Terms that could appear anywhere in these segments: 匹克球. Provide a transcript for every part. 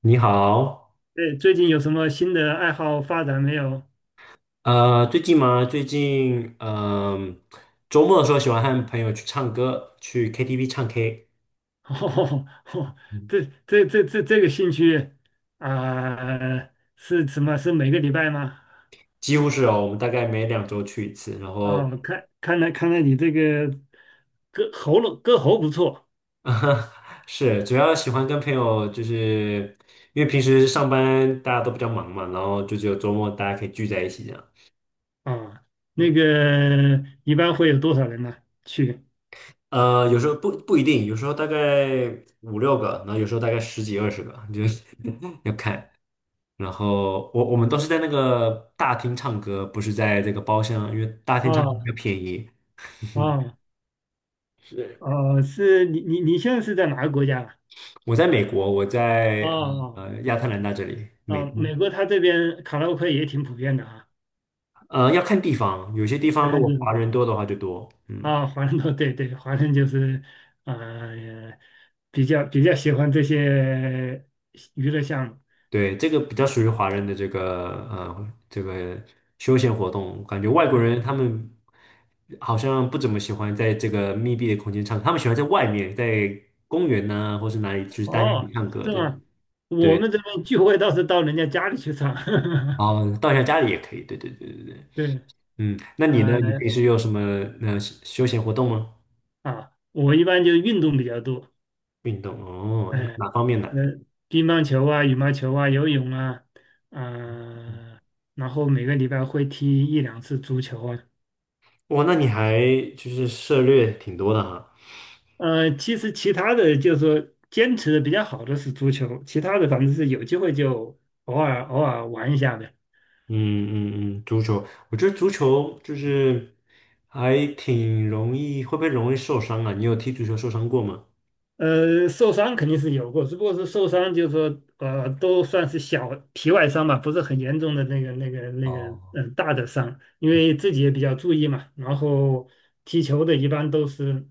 你好，对，最近有什么新的爱好发展没有？最近吗？最近，周末的时候喜欢和朋友去唱歌，去 KTV 唱 K。哦，嗯这个兴趣啊、是什么？是每个礼拜吗？几乎是哦，我们大概每2周去一次，然啊、后，看来你这个歌喉不错 是主要喜欢跟朋友，就是因为平时上班大家都比较忙嘛，然后就只有周末大家可以聚在一起这样。啊、那嗯，个一般会有多少人呢？去有时候不一定，有时候大概五六个，然后有时候大概十几二十个，就是 要看。然后我们都是在那个大厅唱歌，不是在这个包厢，因为大厅唱歌比较啊便宜。啊是。哦，是你现在是在哪个国家啊？我在美国，我哦在哦亚特兰大这里，美哦，东。美国他这边卡拉 OK 也挺普遍的啊，要看地方，有些地要方如看果地华方人多的话就多。嗯，啊，华人多，对对，华人就是呃，比较喜欢这些娱乐项目。对，这个比较属于华人的这个休闲活动，感觉外国对，人他们好像不怎么喜欢在这个密闭的空间唱，他们喜欢在外面，在公园呐、或是哪里，就是大家一哦，起唱歌是的。吗？我对们这边聚会倒是到人家家里去唱。哦，到一下家里也可以，对对对对对。对，那你呢？你平呃时有什么休闲活动吗？啊，我一般就是运动比较多，运动哦，哎、哪方面的？那乒乓球啊、羽毛球啊、游泳啊，啊、然后每个礼拜会踢一两次足球啊。哇，那你还就是涉猎挺多的哈。其实其他的就是说坚持的比较好的是足球，其他的反正是有机会就偶尔偶尔玩一下的。嗯嗯嗯，足球，我觉得足球就是还挺容易，会不会容易受伤啊？你有踢足球受伤过吗？受伤肯定是有过，只不过是受伤就是说都算是小皮外伤吧，不是很严重的那个哦，大的伤，因为自己也比较注意嘛。然后踢球的一般都是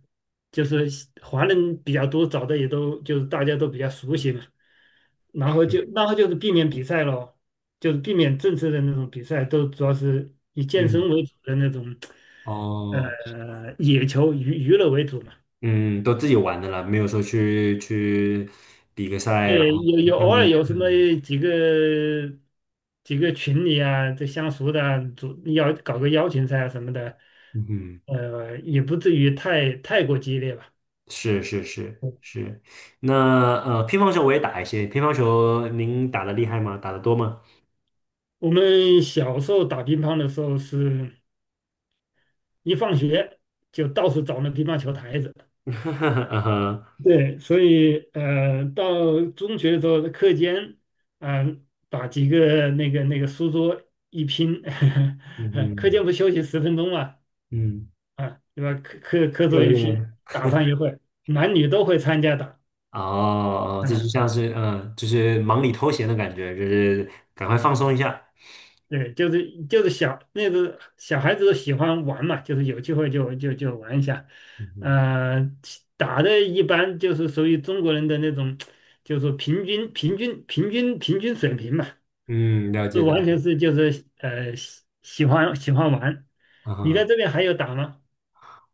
就是华人比较多，找的也都就是大家都比较熟悉嘛。然后就是避免比赛咯，就是避免正式的那种比赛，都主要是以健嗯，身为主的那种，哦，野球娱乐为主嘛。嗯，都自己玩的啦，没有说去比个赛，然对，后有偶看的，尔有什么嗯几个几个群里啊，这相熟的主要搞个邀请赛啊什么的，嗯哼。也不至于太过激烈吧。是是是是，那乒乓球我也打一些，乒乓球您打的厉害吗？打的多吗？我们小时候打乒乓的时候是，一放学就到处找那乒乓球台子。嗯哼，对，所以到中学的时候，课间，把几个那个书桌一拼，嗯 课嗯间不休息10分钟嘛，嗯，啊，对吧？课课课特桌一别拼，打上一会儿，男女都会参加打，哦，这啊，就像是就是忙里偷闲的感觉，就是赶快放松一下。对，就是小小孩子都喜欢玩嘛，就是有机会就玩一下，嗯哼呃，打的一般就是属于中国人的那种，就是平均水平嘛。嗯，了解了完解。全是就是喜欢玩。你在啊，这边还有打吗？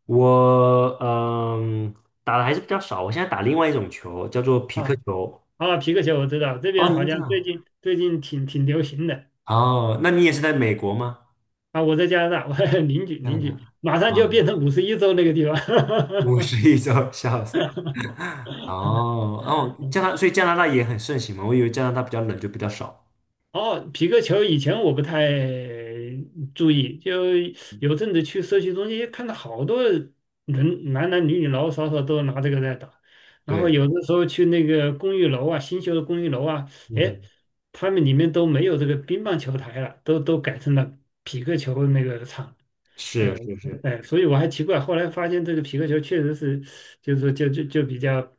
我打的还是比较少，我现在打另外一种球，叫做匹克啊球。啊，皮克球我知道，这哦，边好您知像最道？近最近挺流行的哦，那你也是在美国吗？啊。我在加拿大，我 邻居加拿邻大。居马上就要啊，变成51州那个地方，51周，笑死。哦哦，所以加拿大也很盛行嘛。我以为加拿大比较冷，就比较少。哦，皮克球以前我不太注意，就有阵子去社区中心看到好多人，男男女女老老少少都拿这个在打。然后对，有的时候去那个公寓楼啊，新修的公寓楼啊，嗯，哎，他们里面都没有这个乒乓球台了，都改成了皮克球那个场。哎是是是哎，所以我还奇怪，后来发现这个皮克球确实是，就是说就比较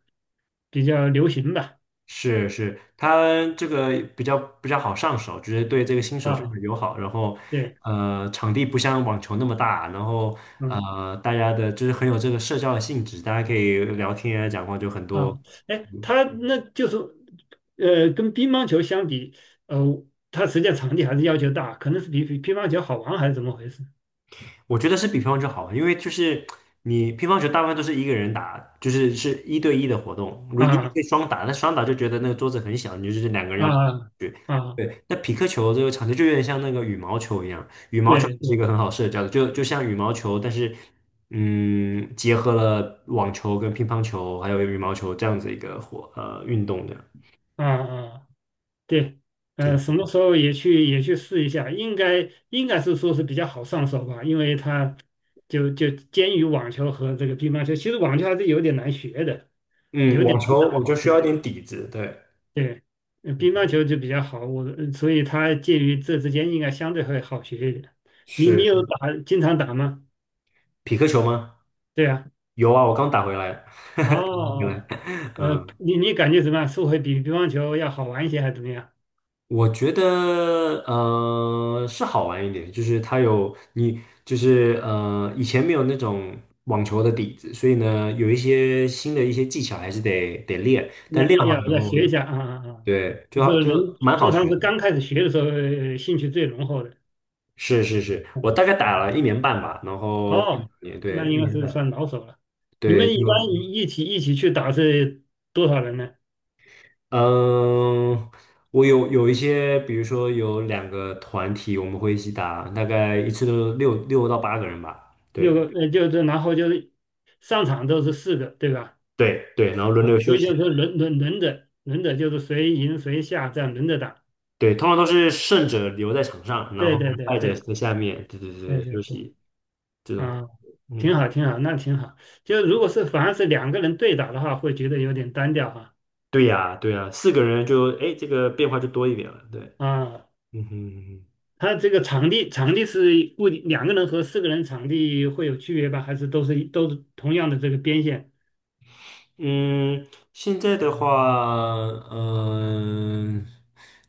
比较流行吧。是是，它这个比较好上手，就是对这个新手非啊，常友好。然后，对，场地不像网球那么大，然后嗯。大家的就是很有这个社交的性质，大家可以聊天啊，讲话就很多。啊，哎，他那就是，跟乒乓球相比，呃，它实际上场地还是要求大，可能是比乒乓球好玩还是怎么回事？我觉得是比乒乓球好，因为就是你乒乓球大部分都是一个人打，就是是一对一的活动。如你也啊可以双打，但双打就觉得那个桌子很小，你就是两个人要跑啊去。啊，对，那匹克球这个场地就有点像那个羽毛球一样，羽毛球对是一对，个很好社交的，就像羽毛球，但是结合了网球跟乒乓球还有羽毛球这样子一个运动的。啊啊对，什么时候也去试一下，应该是说是比较好上手吧，因为它就兼于网球和这个乒乓球，其实网球还是有点难学的，有嗯，点网难球打。网球需要一对。点底子，对，对，乒乓嗯球就比较好，我所以它介于这之间应该相对会好学一点。你是你有是。打，经常打吗？匹克球吗？对啊，有啊，我刚打回来。哦对，哦，嗯，你感觉怎么样？是会比乒乓球要好玩一些，还是怎么样？我觉得是好玩一点，就是它有你就是以前没有那种网球的底子，所以呢有一些新的一些技巧还是得练，但要练要好要以要后，学一下啊啊啊！对，就是就人蛮好通常学是刚的。开始学的时候，兴趣最浓厚的。是是是，嗯我大概打了一年半吧，然后快两哦，年，那对，一应该年是半，算老手了。你们对，就一般一起去打是多少人呢？嗯，我有一些，比如说有两个团体，我们会一起打，大概一次都六到八个人吧。六个，对就是然后上场都是四个，对吧？对对，然后轮啊，流所休以就息。是说轮着轮着，就是谁赢谁下这样轮着打。对，通常都是胜者留在场上，然后对对对败者在对下面，对对对对，对休对，息这种。啊，挺嗯，好挺好，那挺好。就如果是反而是两个人对打的话，会觉得有点单调哈。对呀对呀，四个人就哎，诶这个变化就多一点了。对，啊，嗯哼。他这个场地是固定，两个人和四个人场地会有区别吧？还是都是同样的这个边线？嗯，现在的话，嗯、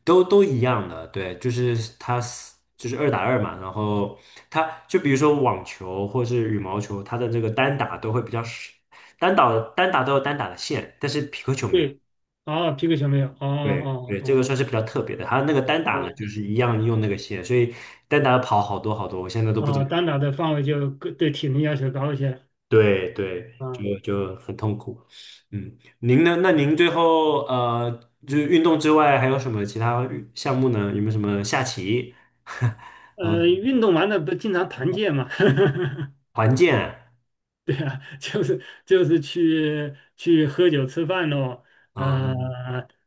都一样的，对，就是它是就是二打二嘛，然后它就比如说网球或是羽毛球，它的这个单打都会比较少，单打的单打都有单打的线，但是匹克球没有。对，哦，皮克球没有，哦对哦对，这个哦算是比较特别的，它那个单打呢，哦就是一样用那个线，所以单打跑好多好多，我现在都不怎哦，么。单打的范围就更对体能要求高一些。对对，就啊，就很痛苦。嗯，您呢？那您最后就是运动之外还有什么其他运项目呢？有没有什么下棋？嗯，运动完了不经常团建嘛？团建？就是去喝酒吃饭咯，呃，嗯，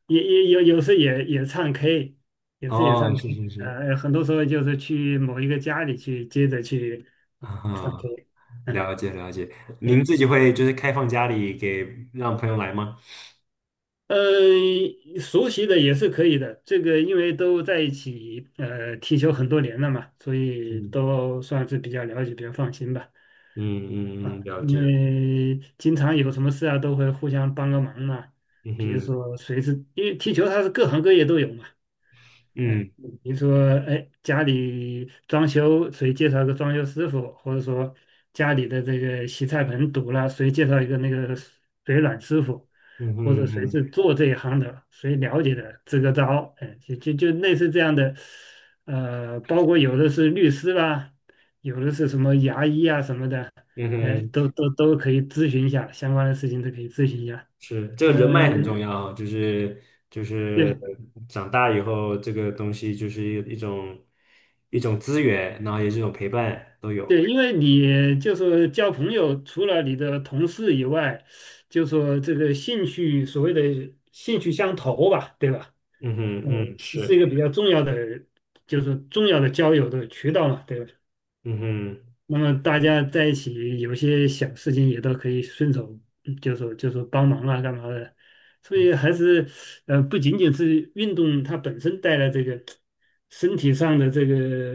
也有时也唱 K，有时也唱 哦，是 K，是是，很多时候就是去某一个家里去接着去唱 嗯，K，嗯，了解了解。对，您自己会就是开放家里给让朋友来吗？呃，熟悉的也是可以的，这个因为都在一起踢球很多年了嘛，所以嗯都算是比较了解，比较放心吧。啊，嗯嗯嗯，了因解。为经常有什么事啊，都会互相帮个忙嘛。嗯比如哼，说，谁是因为踢球，它是各行各业都有嘛。嗯，嗯比如说，哎，家里装修，谁介绍个装修师傅，或者说家里的这个洗菜盆堵了，谁介绍一个那个水暖师傅，嗯或哼者嗯谁是哼做这一行的，谁了解的，支个招，哎，就类似这样的，包括有的是律师啦，有的是什么牙医啊什么的，嗯哎，哼。都可以咨询一下相关的事情，都可以咨询一下。是，这个人脉很嗯、重要啊就是对。长大以后，这个东西就是一一种一种资源，然后也是一种陪伴都对，有。因为你就是交朋友，除了你的同事以外，就说这个兴趣，所谓的兴趣相投吧，对吧？嗯哼，嗯，嗯，是一是，个比较重要的，就是重要的交友的渠道嘛，对吧？嗯哼，那么大家在一起有些小事情也都可以顺手就说帮忙啊干嘛的，所以还是不仅仅是运动它本身带来这个身体上的这个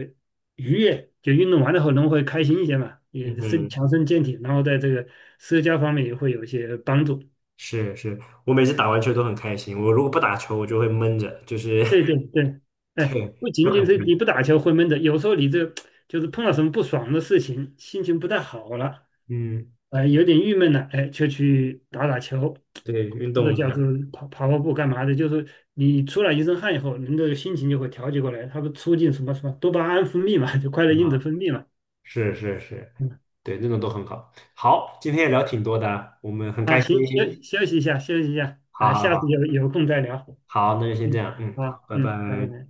愉悦，就运动完了后人会开心一些嘛，嗯也身哼，强身健体，然后在这个社交方面也会有一些帮助。是是，我每次打完球都很开心，我如果不打球，我就会闷着，就是 对对对，哎，对，不就仅仅很是不一你样不打球会闷着，有时候你这就是碰到什么不爽的事情，心情不太好了。嗯，有点郁闷了，哎，就去打打球，对，运或者动一叫做下跑步干嘛的，就是你出了一身汗以后，人的心情就会调节过来，它不促进什么什么多巴胺分泌嘛，就快乐因子啊，分泌嘛。是是是，嗯，对，那种都很好。好，今天也聊挺多的啊，我们很啊，开心。行，休息一下，休息一下，好啊，好下次好。有空再聊。好，那就先这嗯，样，好，好拜嗯，拜拜。拜。